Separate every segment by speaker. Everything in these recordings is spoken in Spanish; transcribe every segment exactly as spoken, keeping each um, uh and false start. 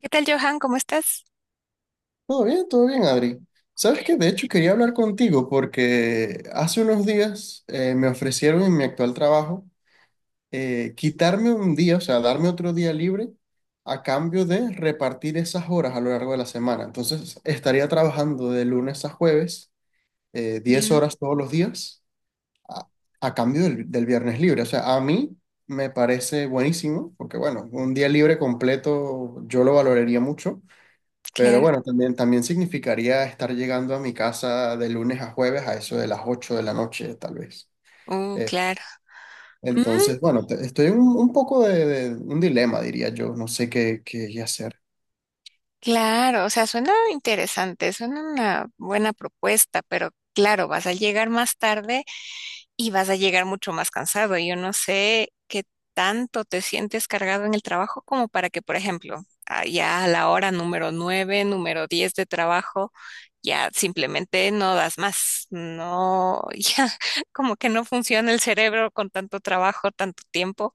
Speaker 1: ¿Qué tal, Johan? ¿Cómo estás?
Speaker 2: Todo bien, todo bien, Adri. Sabes que de hecho quería hablar contigo porque hace unos días eh, me ofrecieron en mi actual trabajo eh, quitarme un día, o sea, darme otro día libre a cambio de repartir esas horas a lo largo de la semana. Entonces estaría trabajando de lunes a jueves, eh, diez
Speaker 1: Ya,
Speaker 2: horas todos los días a, a cambio del, del viernes libre. O sea, a mí me parece buenísimo porque, bueno, un día libre completo yo lo valoraría mucho. Pero
Speaker 1: claro.
Speaker 2: bueno, también, también significaría estar llegando a mi casa de lunes a jueves a eso de las ocho de la noche, tal vez.
Speaker 1: Oh,
Speaker 2: Eh,
Speaker 1: claro. Mm,
Speaker 2: entonces, bueno, te- estoy en un, un poco de, de un dilema, diría yo. No sé qué, qué hacer.
Speaker 1: claro, o sea, suena interesante, suena una buena propuesta, pero claro, vas a llegar más tarde y vas a llegar mucho más cansado. Yo no sé qué tanto te sientes cargado en el trabajo como para que, por ejemplo, ah, ya a la hora número nueve, número diez de trabajo, ya simplemente no das más. No, ya como que no funciona el cerebro con tanto trabajo, tanto tiempo.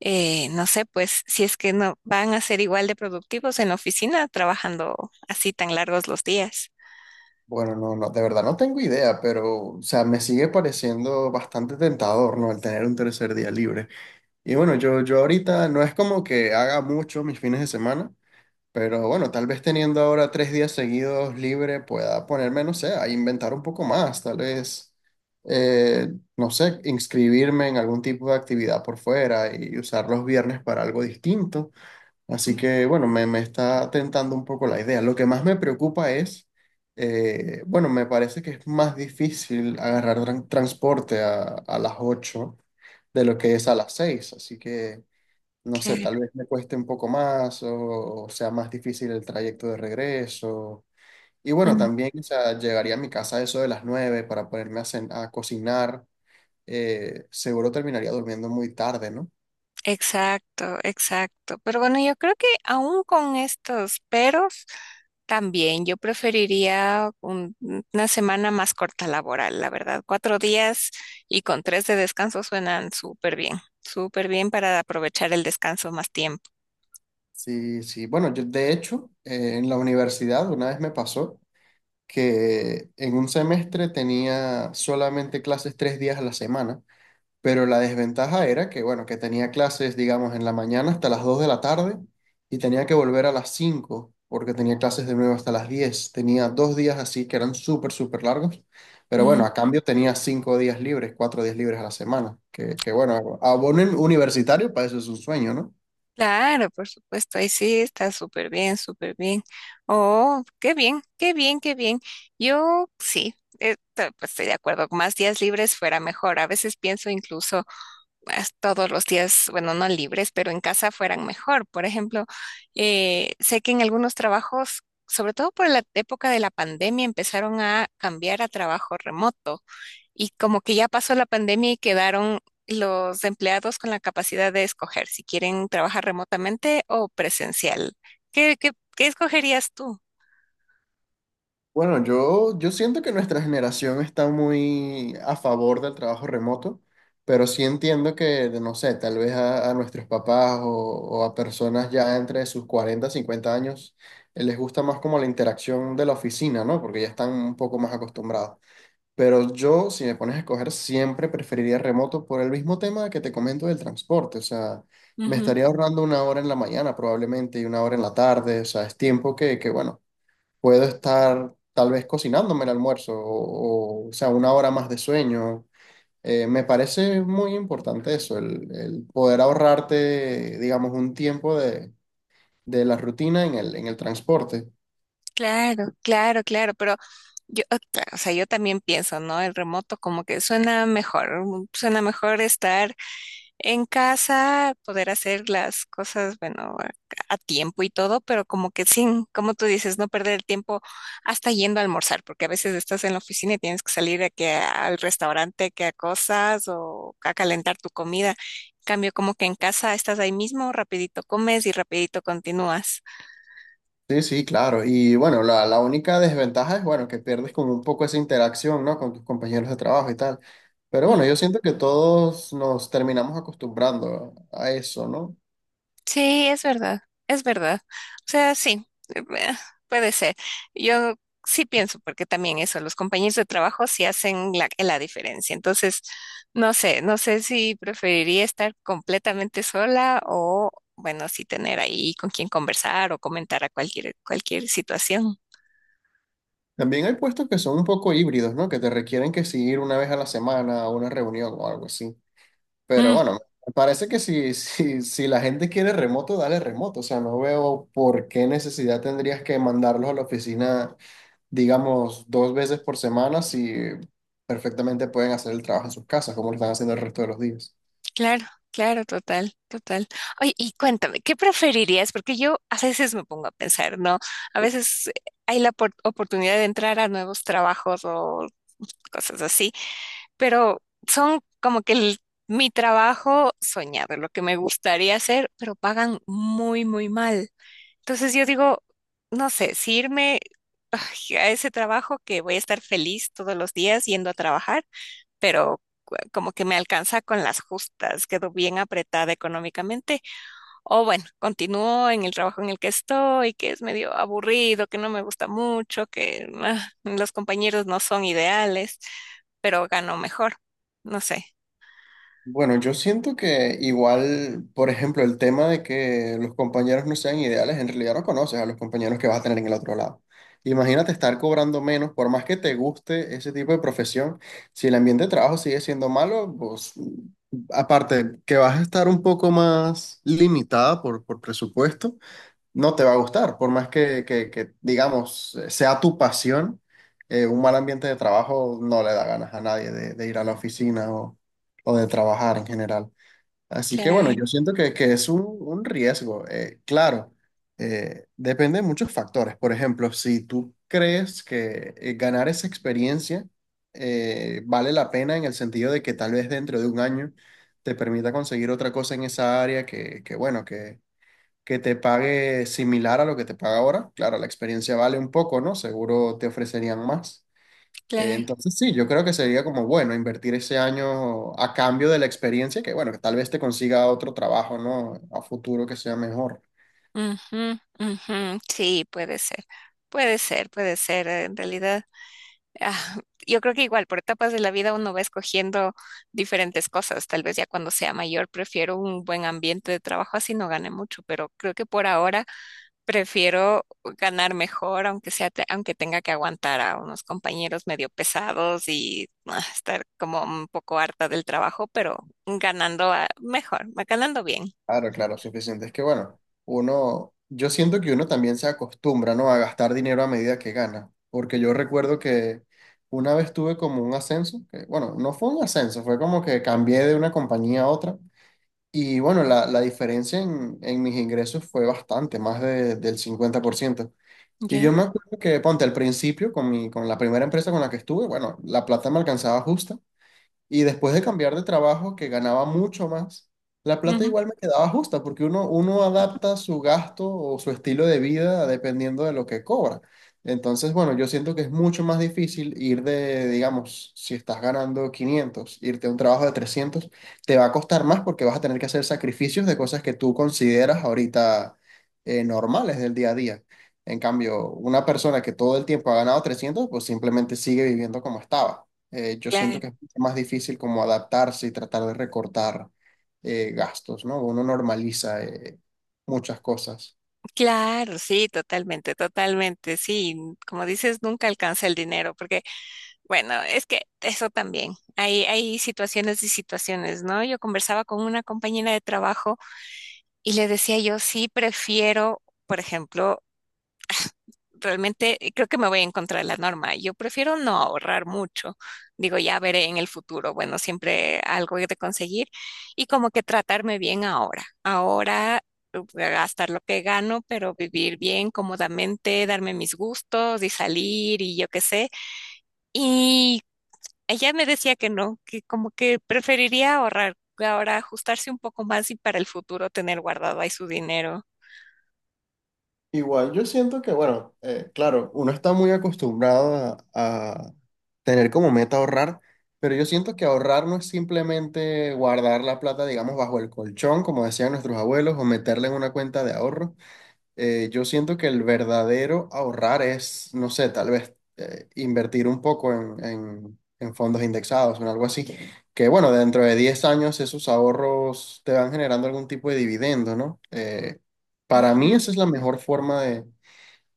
Speaker 1: Eh, no sé, pues si es que no van a ser igual de productivos en la oficina trabajando así tan largos los días.
Speaker 2: Bueno, no, no, de verdad no tengo idea, pero, o sea, me sigue pareciendo bastante tentador, ¿no? El tener un tercer día libre. Y bueno, yo, yo ahorita no es como que haga mucho mis fines de semana. Pero bueno, tal vez teniendo ahora tres días seguidos libre pueda ponerme, no sé, a inventar un poco más, tal vez, eh, no sé, inscribirme en algún tipo de actividad por fuera y usar los viernes para algo distinto. Así
Speaker 1: Mm.
Speaker 2: que bueno, me, me está tentando un poco la idea. Lo que más me preocupa es, eh, bueno, me parece que es más difícil agarrar tran- transporte a, a las ocho de lo que es a las seis así que no sé,
Speaker 1: Claro.
Speaker 2: tal vez me cueste un poco más o, o sea más difícil el trayecto de regreso. Y bueno, también, o sea, llegaría a mi casa a eso de las nueve para ponerme a, cen- a cocinar. Eh, seguro terminaría durmiendo muy tarde, ¿no?
Speaker 1: Exacto, exacto. Pero bueno, yo creo que aún con estos peros, también yo preferiría un- una semana más corta laboral, la verdad. Cuatro días y con tres de descanso suenan súper bien, súper bien para aprovechar el descanso más tiempo.
Speaker 2: Sí, sí. Bueno, yo de hecho, eh, en la universidad una vez me pasó que en un semestre tenía solamente clases tres días a la semana. Pero la desventaja era que, bueno, que tenía clases, digamos, en la mañana hasta las dos de la tarde y tenía que volver a las cinco porque tenía clases de nuevo hasta las diez. Tenía dos días así que eran súper, súper largos. Pero bueno, a cambio tenía cinco días libres, cuatro días libres a la semana. Que, que bueno, abonen universitario para eso es un sueño, ¿no?
Speaker 1: Claro, por supuesto, ahí sí está súper bien, súper bien. Oh, qué bien, qué bien, qué bien. Yo sí, eh, to- pues, estoy de acuerdo, más días libres fuera mejor. A veces pienso incluso as- todos los días, bueno, no libres, pero en casa fueran mejor. Por ejemplo, eh, sé que en algunos trabajos, sobre todo por la época de la pandemia, empezaron a cambiar a trabajo remoto. Y como que ya pasó la pandemia y quedaron los empleados con la capacidad de escoger si quieren trabajar remotamente o presencial. ¿Qué, qué, qué escogerías tú?
Speaker 2: Bueno, yo, yo siento que nuestra generación está muy a favor del trabajo remoto, pero sí entiendo que, no sé, tal vez a, a nuestros papás o, o a personas ya entre sus cuarenta cincuenta años, eh, les gusta más como la interacción de la oficina, ¿no? Porque ya están un poco más acostumbrados. Pero yo, si me pones a escoger, siempre preferiría remoto por el mismo tema que te comento del transporte. O sea, me
Speaker 1: Ujú.
Speaker 2: estaría ahorrando una hora en la mañana probablemente y una hora en la tarde. O sea, es tiempo que, que bueno puedo estar tal vez cocinándome el almuerzo o, o, o sea, una hora más de sueño. Eh, me parece muy importante eso, el, el poder ahorrarte, digamos, un tiempo de, de la rutina en el, en el transporte.
Speaker 1: Claro, claro, claro, pero yo, o ta- o sea, yo también pienso, ¿no? El remoto como que suena mejor, mm, suena mejor estar en casa, poder hacer las cosas, bueno, a a tiempo y todo, pero como que sin, como tú dices, no perder el tiempo hasta yendo a almorzar, porque a veces estás en la oficina y tienes que salir a que al restaurante, que a cosas o a calentar tu comida. En cambio, como que en casa estás ahí mismo, rapidito comes y rapidito continúas.
Speaker 2: Sí, sí, claro. Y bueno, la, la única desventaja es, bueno, que pierdes como un poco esa interacción, ¿no? Con tus compañeros de trabajo y tal. Pero bueno, yo siento que todos nos terminamos acostumbrando a a eso, ¿no?
Speaker 1: Sí, es verdad, es verdad. O sea, sí, eh, eh, puede ser. Yo sí pienso, porque también eso, los compañeros de trabajo sí hacen la, la diferencia. Entonces, no sé, no sé si preferiría estar completamente sola o, bueno, sí tener ahí con quien conversar o comentar a cualquier, cualquier situación.
Speaker 2: También hay puestos que son un poco híbridos, ¿no? Que te requieren que sí ir una vez a la semana a una reunión o algo así. Pero bueno, me parece que si, si, si la gente quiere remoto, dale remoto. O sea, no veo por qué necesidad tendrías que mandarlos a la oficina, digamos, dos veces por semana si perfectamente pueden hacer el trabajo en sus casas, como lo están haciendo el resto de los días.
Speaker 1: Claro, claro, total, total. Oye, y cuéntame, ¿qué preferirías? Porque yo a veces me pongo a pensar, ¿no? A veces eh, hay la opor- oportunidad de entrar a nuevos trabajos o cosas así, pero son como que el- mi trabajo soñado, lo que me gustaría hacer, pero pagan muy, muy mal. Entonces yo digo, no sé, si irme ay, a ese trabajo que voy a estar feliz todos los días yendo a trabajar, pero cu- como que me alcanza con las justas, quedo bien apretada económicamente. O bueno, continúo en el trabajo en el que estoy, que es medio aburrido, que no me gusta mucho, que ah, los compañeros no son ideales, pero gano mejor. No sé.
Speaker 2: Bueno, yo siento que igual, por ejemplo, el tema de que los compañeros no sean ideales, en realidad no conoces a los compañeros que vas a tener en el otro lado. Imagínate estar cobrando menos, por más que te guste ese tipo de profesión, si el ambiente de trabajo sigue siendo malo, pues aparte que vas a estar un poco más limitada por, por presupuesto no te va a gustar, por más que, que- que, digamos, sea tu pasión, eh, un mal ambiente de trabajo no le da ganas a nadie de, de ir a la oficina o, o de trabajar en general. Así que bueno,
Speaker 1: Claro,
Speaker 2: yo siento que, que es un, un riesgo. eh, claro, eh, depende de muchos factores. Por ejemplo, si tú crees que eh, ganar esa experiencia eh, vale la pena en el sentido de que tal vez dentro de un año te permita conseguir otra cosa en esa área que, que bueno, que te pague similar a lo que te paga ahora. Claro, la experiencia vale un poco, ¿no? Seguro te ofrecerían más. Eh,
Speaker 1: claro.
Speaker 2: entonces, sí, yo creo que sería como bueno invertir ese año a cambio de la experiencia, que bueno, que tal vez te consiga otro trabajo, ¿no? A futuro que sea mejor.
Speaker 1: Ujú, ujú. Sí, puede ser. Puede ser, puede ser. En realidad. Ah, yo creo que igual, por etapas de la vida uno va escogiendo diferentes cosas. Tal vez ya cuando sea mayor prefiero un buen ambiente de trabajo, así no gane mucho, pero creo que por ahora prefiero ganar mejor, aunque sea, te- aunque tenga que aguantar a unos compañeros medio pesados y ah, estar como un poco harta del trabajo, pero ganando ah, mejor, ganando bien.
Speaker 2: Claro, claro, suficiente. Es que bueno, uno, yo siento que uno también se acostumbra, ¿no? A gastar dinero a medida que gana, porque yo recuerdo que... Una vez tuve como un ascenso, que bueno, no fue un ascenso, fue como que cambié de una compañía a otra. Y bueno, la, la diferencia en, en mis ingresos fue bastante, más de- del cincuenta por ciento. Y
Speaker 1: Ya.
Speaker 2: yo me acuerdo que, ponte, al principio, con mi, con la primera empresa con la que estuve, bueno, la plata me alcanzaba justa, y después de cambiar de trabajo, que ganaba mucho más, la plata
Speaker 1: Ujú.
Speaker 2: igual me quedaba justa, porque uno, uno adapta su gasto o su estilo de vida dependiendo de lo que cobra. Entonces, bueno, yo siento que es mucho más difícil ir de, digamos, si estás ganando quinientos irte a un trabajo de trescientos te va a costar más porque vas a tener que hacer sacrificios de cosas que tú consideras ahorita eh, normales del día a día. En cambio, una persona que todo el tiempo ha ganado trescientos pues simplemente sigue viviendo como estaba. Eh, yo
Speaker 1: Claro,
Speaker 2: siento que es más difícil como adaptarse y tratar de recortar eh, gastos, ¿no? Uno normaliza eh, muchas cosas.
Speaker 1: claro, sí, totalmente, totalmente, sí. Como dices, nunca alcanza el dinero, porque bueno, es que eso también. Hay, hay situaciones y situaciones, ¿no? Yo conversaba con una compañera de trabajo y le decía yo, sí, prefiero, por ejemplo, realmente eh, creo que me voy en contra de la norma. Yo prefiero no ahorrar mucho. Digo, ya veré en el futuro. Bueno, siempre algo he de conseguir y como que tratarme bien ahora. Ahora eh, gastar lo que gano, pero vivir bien, cómodamente, darme mis gustos y salir y yo qué sé. Y ella me decía que no, que como que preferiría ahorrar, que ahora ajustarse un poco más y para el futuro tener guardado ahí su dinero.
Speaker 2: Igual, yo siento que, bueno, eh, claro, uno está muy acostumbrado a, a tener como meta ahorrar, pero yo siento que ahorrar no es simplemente guardar la plata, digamos, bajo el colchón, como decían nuestros abuelos, o meterla en una cuenta de ahorro. Eh, yo siento que el verdadero ahorrar es, no sé, tal vez eh, invertir un poco en, en- en fondos indexados o en algo así. Que bueno, dentro de diez años esos ahorros te van generando algún tipo de dividendo, ¿no? Eh, para mí
Speaker 1: Ujú.
Speaker 2: esa es la mejor forma de,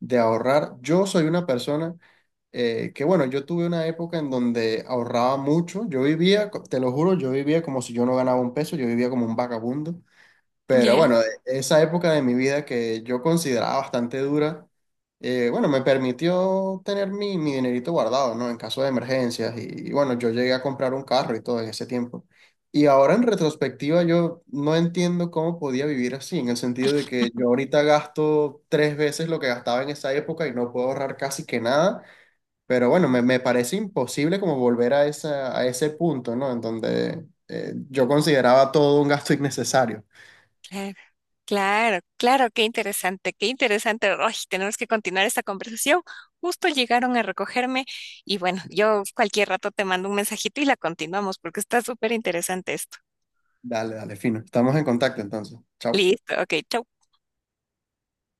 Speaker 2: de ahorrar. Yo soy una persona eh, que bueno, yo tuve una época en donde ahorraba mucho. Yo vivía, co- te lo juro, yo vivía como si yo no ganaba un peso, yo vivía como un vagabundo. Pero
Speaker 1: Ya.
Speaker 2: bueno, e- esa época de mi vida que yo consideraba bastante dura, eh, bueno, me permitió tener mi, mi dinerito guardado, ¿no? En caso de emergencias. Y, y bueno, yo llegué a comprar un carro y todo en ese tiempo. Y ahora en retrospectiva yo no entiendo cómo podía vivir así, en el sentido de que yo ahorita gasto tres veces lo que gastaba en esa época y no puedo ahorrar casi que nada. Pero bueno, me, me parece imposible como volver a, esa, a ese punto, ¿no? En donde eh, yo consideraba todo un gasto innecesario.
Speaker 1: Claro, claro, claro, qué interesante, qué interesante. Ay, tenemos que continuar esta conversación. Justo llegaron a recogerme y bueno, yo cualquier rato te mando un mensajito y la continuamos porque está súper interesante esto.
Speaker 2: Dale, dale, fino. Estamos en contacto entonces. Chao.
Speaker 1: Listo, ok, chau.